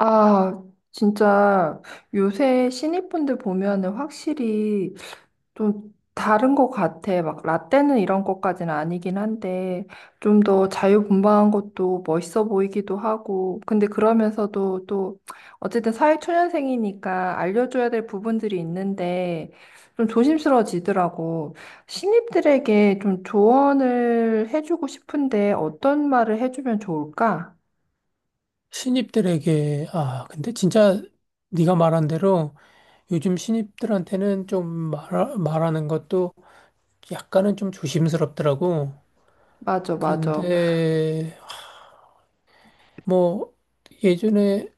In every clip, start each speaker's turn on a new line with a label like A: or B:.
A: 아, 진짜 요새 신입분들 보면은 확실히 좀 다른 것 같아. 막 라떼는 이런 것까지는 아니긴 한데 좀 더 자유분방한 것도 멋있어 보이기도 하고. 근데 그러면서도 또 어쨌든 사회초년생이니까 알려줘야 될 부분들이 있는데 좀 조심스러워지더라고. 신입들에게 좀 조언을 해주고 싶은데 어떤 말을 해주면 좋을까?
B: 신입들에게 근데 진짜 네가 말한 대로 요즘 신입들한테는 좀 말하는 것도 약간은 좀 조심스럽더라고.
A: 맞아,
B: 그런데
A: 맞아.
B: 뭐 예전에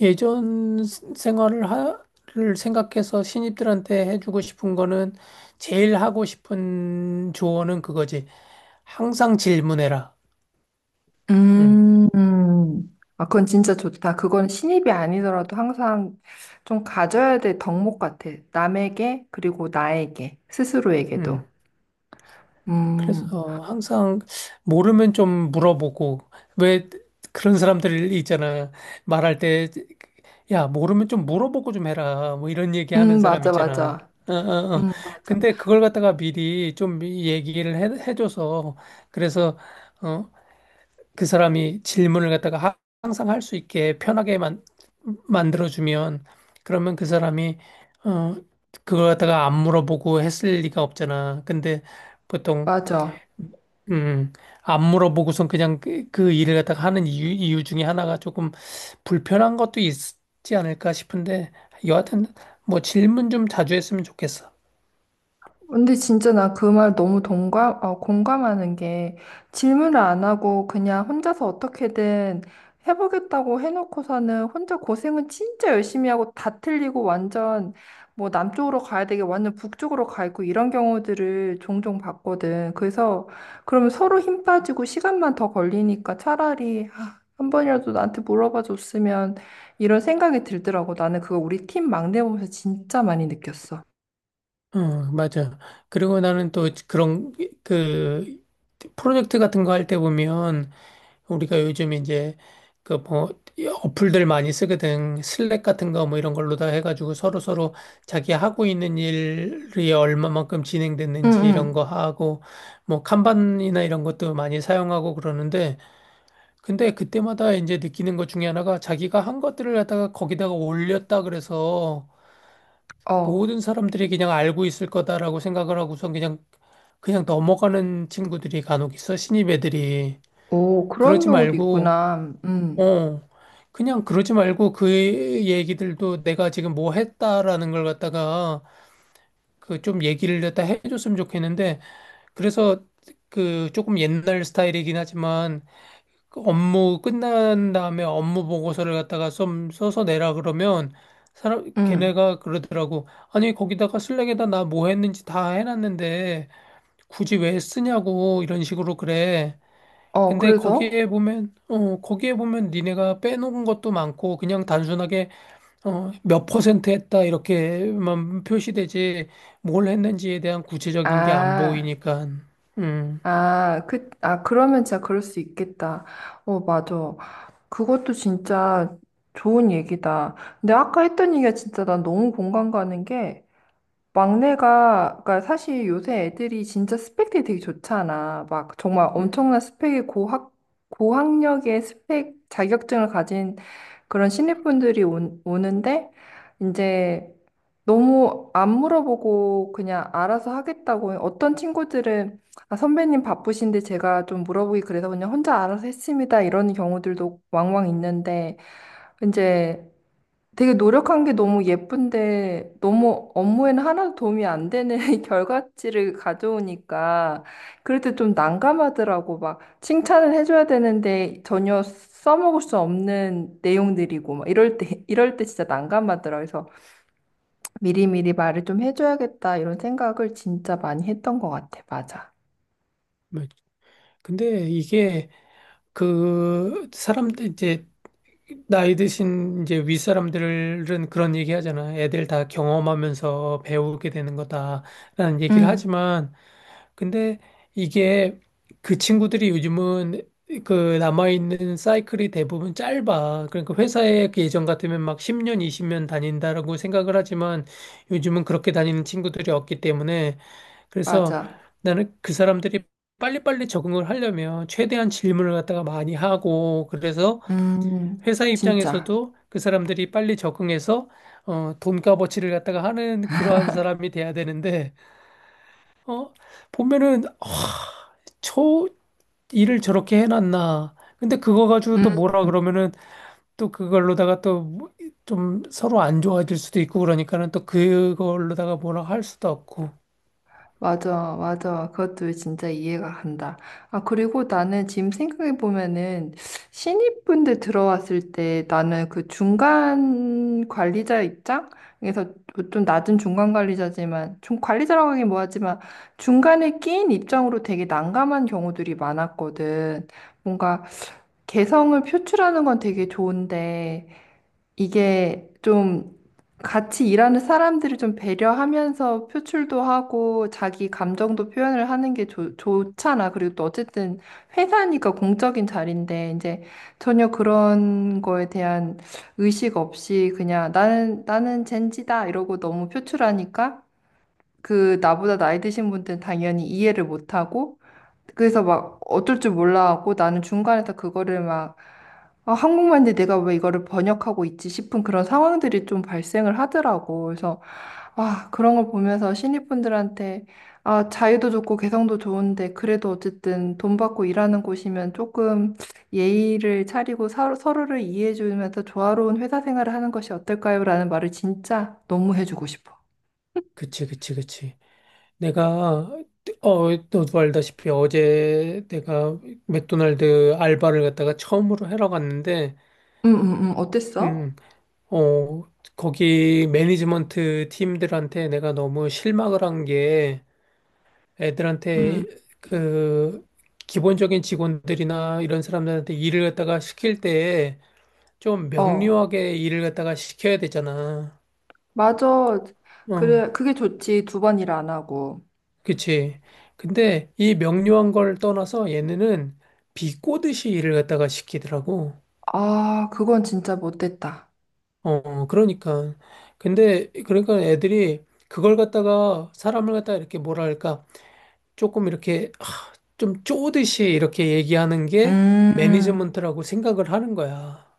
B: 예전 생활을 하를 생각해서 신입들한테 해주고 싶은 거는 제일 하고 싶은 조언은 그거지. 항상 질문해라. 응,
A: 음. 아, 그건 진짜 좋다. 그건 신입이 아니더라도 항상 좀 가져야 될 덕목 같아. 남에게, 그리고 나에게,
B: 응.
A: 스스로에게도. 음,
B: 그래서 항상 모르면 좀 물어보고, 왜 그런 사람들 있잖아. 말할 때, 야, 모르면 좀 물어보고 좀 해라. 뭐 이런 얘기 하는 사람
A: 맞아,
B: 있잖아.
A: 맞아.
B: 어, 어, 어.
A: 맞아.
B: 근데 그걸 갖다가 미리 좀 얘기를 해줘서, 그래서, 어, 그 사람이 질문을 갖다가 항상 할 수 있게 편하게 만들어주면, 그러면 그 사람이, 어, 그걸 갖다가 안 물어보고 했을 리가 없잖아. 근데 보통
A: 맞아.
B: 음, 안 물어보고선 그냥 그 일을 갖다가 하는 이유 중에 하나가 조금 불편한 것도 있지 않을까 싶은데, 여하튼, 뭐 질문 좀 자주 했으면 좋겠어.
A: 근데 진짜 나 그 말 너무 동감, 어, 공감하는 게 질문을 안 하고 그냥 혼자서 어떻게든 해보겠다고 해놓고서는 혼자 고생은 진짜 열심히 하고 다 틀리고 완전 뭐 남쪽으로 가야 되게 완전 북쪽으로 가 있고 이런 경우들을 종종 봤거든. 그래서 그러면 서로 힘 빠지고 시간만 더 걸리니까 차라리 아, 한 번이라도 나한테 물어봐 줬으면 이런 생각이 들더라고. 나는 그거 우리 팀 막내 보면서 진짜 많이 느꼈어.
B: 응, 맞아. 그리고 나는 또 그런, 그, 프로젝트 같은 거 할 때 보면, 우리가 요즘 이제 그 뭐 어플들 많이 쓰거든. 슬랙 같은 거 뭐 이런 걸로 다 해가지고 서로서로 자기 하고 있는 일이 얼마만큼
A: 응,
B: 진행됐는지 이런 거
A: 응.
B: 하고 뭐 칸반이나 이런 것도 많이 사용하고 그러는데 근데 그때마다 이제 느끼는 것 중에 하나가 자기가 한 것들을 갖다가 거기다가 올렸다 그래서
A: 어.
B: 모든 사람들이 그냥 알고 있을 거다라고 생각을 하고선 그냥 그냥 넘어가는 친구들이 간혹 있어. 신입 애들이.
A: 오, 그런
B: 그러지
A: 경우도
B: 말고
A: 있구나. 음,
B: 어, 그냥 그러지 말고 그 얘기들도 내가 지금 뭐 했다라는 걸 갖다가 그 좀 얘기를 갖다 해줬으면 좋겠는데 그래서 그 조금 옛날 스타일이긴 하지만 그 업무 끝난 다음에 업무 보고서를 갖다가 좀 써서 내라 그러면 사람
A: 음.
B: 걔네가 그러더라고. 아니 거기다가 슬랙에다 나 뭐 했는지 다 해놨는데 굳이 왜 쓰냐고 이런 식으로 그래.
A: 어,
B: 근데
A: 그래서?
B: 거기에 보면, 어, 거기에 보면 니네가 빼놓은 것도 많고, 그냥 단순하게, 어, 몇 퍼센트 했다, 이렇게만 표시되지, 뭘 했는지에 대한 구체적인 게 안
A: 아,
B: 보이니까, 음,
A: 아, 그, 아, 그러면 진짜 그럴 수 있겠다. 어, 맞아. 그것도 진짜 좋은 얘기다. 근데 아까 했던 얘기가 진짜 난 너무 공감 가는 게, 막내가, 그러니까 사실 요새 애들이 진짜 스펙들이 되게 좋잖아. 막 정말
B: 음,
A: 엄청난 스펙의 고학, 고학력의 스펙 자격증을 가진 그런 신입분들이 온- 오는데, 이제 너무 안 물어보고 그냥 알아서 하겠다고. 어떤 친구들은, 아, 선배님 바쁘신데 제가 좀 물어보기 그래서 그냥 혼자 알아서 했습니다. 이런 경우들도 왕왕 있는데, 이제 되게 노력한 게 너무 예쁜데 너무 업무에는 하나도 도움이 안 되는 결과치를 가져오니까 그럴 때 좀 난감하더라고. 막 칭찬을 해줘야 되는데 전혀 써먹을 수 없는 내용들이고 막 이럴 때 이럴 때 진짜 난감하더라. 그래서 미리미리 말을 좀 해줘야겠다 이런 생각을 진짜 많이 했던 것 같아. 맞아.
B: 뭐, 근데 이게, 사람들, 이제, 나이 드신 이제 윗사람들은 그런 얘기 하잖아. 애들 다 경험하면서 배우게 되는 거다라는 얘기를
A: 응,
B: 하지만, 근데 이게 그 친구들이 요즘은 그 남아있는 사이클이 대부분 짧아. 그러니까 회사에 그 예전 같으면 막 10년, 20년 다닌다라고 생각을 하지만 요즘은 그렇게 다니는 친구들이 없기 때문에 그래서
A: 맞아.
B: 나는 그 사람들이 빨리빨리 적응을 하려면 최대한 질문을 갖다가 많이 하고 그래서
A: 음,
B: 회사
A: 진짜.
B: 입장에서도 그 사람들이 빨리 적응해서 돈값어치를 갖다가 하는 그러한 사람이 돼야 되는데 어, 보면은 저 일을 저렇게 해놨나. 근데 그거 가지고 또 뭐라 그러면은 또 그걸로다가 또 좀 서로 안 좋아질 수도 있고 그러니까는 또 그걸로다가 뭐라 할 수도 없고.
A: 맞아, 맞아. 그것도 진짜 이해가 간다. 아, 그리고 나는 지금 생각해 보면은 신입분들 들어왔을 때 나는 그 중간 관리자 입장에서 뭐 좀 낮은 중간 관리자지만 좀 관리자라고 하긴 뭐하지만 중간에 끼인 입장으로 되게 난감한 경우들이 많았거든. 뭔가 개성을 표출하는 건 되게 좋은데 이게 좀 같이 일하는 사람들을 좀 배려하면서 표출도 하고 자기 감정도 표현을 하는 게 좋, 좋잖아. 그리고 또 어쨌든 회사니까 공적인 자리인데 이제 전혀 그런 거에 대한 의식 없이 그냥 나는 젠지다 이러고 너무 표출하니까 그 나보다 나이 드신 분들은 당연히 이해를 못 하고 그래서 막 어쩔 줄 몰라하고 나는 중간에서 그거를 막 아, 한국말인데 내가 왜 이거를 번역하고 있지 싶은 그런 상황들이 좀 발생을 하더라고. 그래서 아, 그런 걸 보면서 신입분들한테 아, 자유도 좋고 개성도 좋은데 그래도 어쨌든 돈 받고 일하는 곳이면 조금 예의를 차리고 서, 서로를 이해해 주면서 조화로운 회사 생활을 하는 것이 어떨까요? 라는 말을 진짜 너무 해주고 싶어.
B: 그치, 그치, 그치. 내가, 너도 알다시피 어제 내가 맥도날드 알바를 갖다가 처음으로 하러 갔는데,
A: 어땠어?
B: 음, 어, 거기 매니지먼트 팀들한테 내가 너무 실망을 한 게,
A: 음.
B: 애들한테 그 기본적인 직원들이나 이런 사람들한테 일을 갖다가 시킬 때 좀
A: 어.
B: 명료하게 일을 갖다가 시켜야 되잖아.
A: 맞아.
B: 어,
A: 그래, 그게 좋지. 두 번 일 안 하고.
B: 그치. 근데 이 명료한 걸 떠나서 얘네는 비꼬듯이 일을 갖다가 시키더라고.
A: 아, 그건 진짜 못됐다.
B: 어, 그러니까. 근데 그러니까 애들이 그걸 갖다가 사람을 갖다가 이렇게 뭐랄까 조금 이렇게 하, 좀 쪼듯이 이렇게 얘기하는 게
A: 음.
B: 매니지먼트라고 생각을 하는 거야.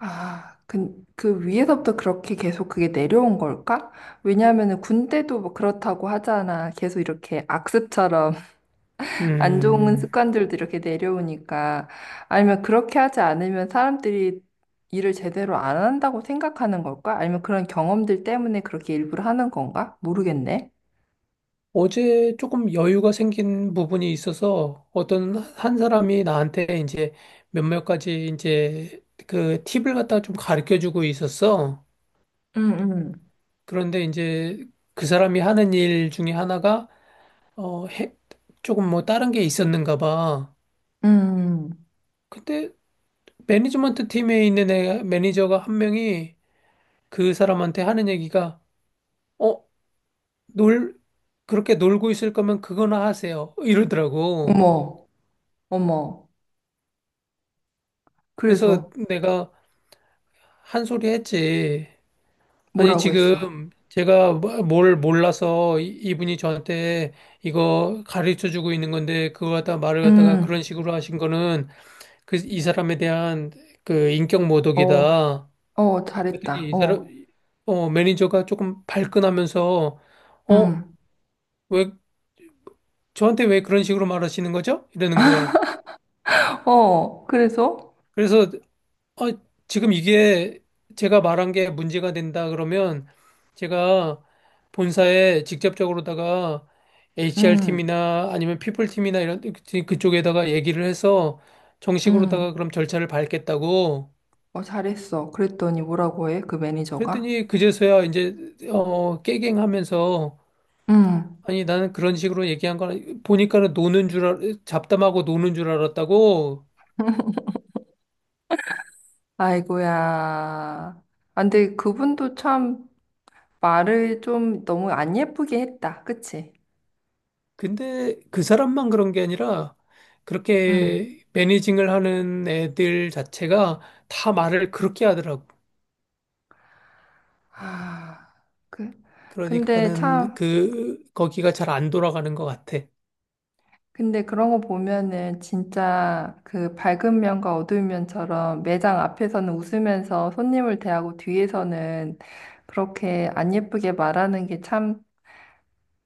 A: 아, 그, 그 위에서부터 그렇게 계속 그게 내려온 걸까? 왜냐하면은 군대도 뭐 그렇다고 하잖아. 계속 이렇게 악습처럼 안 좋은
B: 음,
A: 습관들도 이렇게 내려오니까. 아니면 그렇게 하지 않으면 사람들이 일을 제대로 안 한다고 생각하는 걸까? 아니면 그런 경험들 때문에 그렇게 일부러 하는 건가? 모르겠네.
B: 어제 조금 여유가 생긴 부분이 있어서 어떤 한 사람이 나한테 이제 몇몇 가지 이제 그 팁을 갖다 좀 가르쳐 주고 있었어.
A: 음, 음,
B: 그런데 이제 그 사람이 하는 일 중에 하나가 어, 해, 조금 뭐 다른 게 있었는가 봐.
A: 음.
B: 근데 매니지먼트 팀에 있는 애, 매니저가 한 명이 그 사람한테 하는 얘기가 어, 놀, 그렇게 놀고 있을 거면 그거나 하세요. 이러더라고.
A: 어머, 어머.
B: 그래서
A: 그래서
B: 내가 한 소리 했지. 아니,
A: 뭐라고 했어?
B: 지금 제가 뭘 몰라서 이분이 저한테 이거 가르쳐 주고 있는 건데, 그거 갖다 말을 갖다가 그런
A: 음,
B: 식으로 하신 거는 그 이 사람에 대한 그 인격
A: 어,
B: 모독이다.
A: 어,
B: 그랬더니
A: 잘했다.
B: 이 사람,
A: 어,
B: 매니저가 조금 발끈하면서, 어,
A: 음,
B: 왜, 저한테 왜 그런 식으로 말하시는 거죠? 이러는 거예요.
A: 어, 그래서?
B: 그래서 아, 지금 이게 제가 말한 게 문제가 된다 그러면 제가 본사에 직접적으로다가
A: 음,
B: HR팀이나 아니면 피플팀이나 이런 그- 그쪽에다가 얘기를 해서 정식으로다가
A: 음,
B: 그럼 절차를 밟겠다고.
A: 어, 잘했어. 그랬더니 뭐라고 해? 그 매니저가?
B: 그랬더니 그제서야 이제 깨갱하면서
A: 음,
B: 아니 나는 그런 식으로 얘기한 거 보니까는 잡담하고 노는 줄 알았다고.
A: 아이고야. 아, 근데 그분도 참 말을 좀 너무 안 예쁘게 했다. 그치?
B: 근데 그 사람만 그런 게 아니라
A: 음.
B: 그렇게 매니징을 하는 애들 자체가 다 말을 그렇게 하더라고.
A: 아, 그, 근데
B: 그러니까는
A: 참.
B: 그 거기가 잘 안 돌아가는 것 같아.
A: 근데 그런 거 보면은 진짜 그 밝은 면과 어두운 면처럼 매장 앞에서는 웃으면서 손님을 대하고 뒤에서는 그렇게 안 예쁘게 말하는 게 참,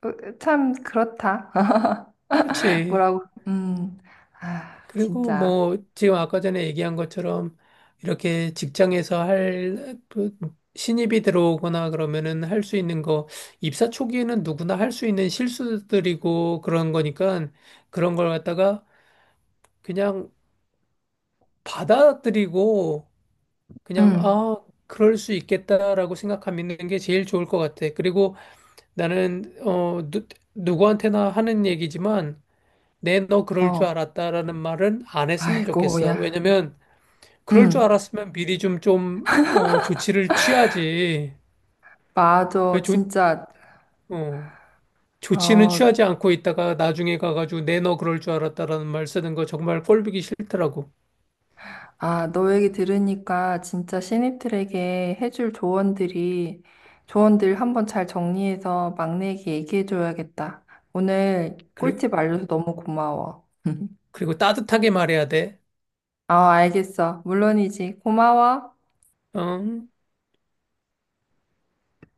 A: 으, 참 그렇다.
B: 그렇지.
A: 뭐라고? 음, 아,
B: 그리고
A: 진짜.
B: 뭐 지금 아까 전에 얘기한 것처럼 이렇게 직장에서 할그 신입이 들어오거나 그러면은 할 수 있는 거 입사 초기에는 누구나 할 수 있는 실수들이고 그런 거니까 그런 걸 갖다가 그냥 받아들이고 그냥,
A: 음,
B: 아, 그럴 수 있겠다라고 생각하는 게 제일 좋을 것 같아. 그리고 나는, 누구한테나 하는 얘기지만, 내 너 그럴 줄
A: 어,
B: 알았다라는 말은 안 했으면
A: 아이고야.
B: 좋겠어. 왜냐면, 그럴 줄
A: 음,
B: 알았으면 미리 좀, 조치를 취하지. 왜
A: 맞아. 진짜.
B: 어, 조치는
A: 어,
B: 취하지 않고 있다가 나중에 가가지고 내 너 그럴 줄 알았다라는 말 쓰는 거 정말 꼴보기 싫더라고.
A: 아, 너 얘기 들으니까 진짜 신입들에게 해줄 조언들이, 조언들 한번 잘 정리해서 막내에게 얘기해줘야겠다. 오늘
B: 그리,
A: 꿀팁 알려줘서 너무 고마워.
B: 그리고 따뜻하게 말해야 돼.
A: 아, 알겠어. 물론이지. 고마워.
B: 어?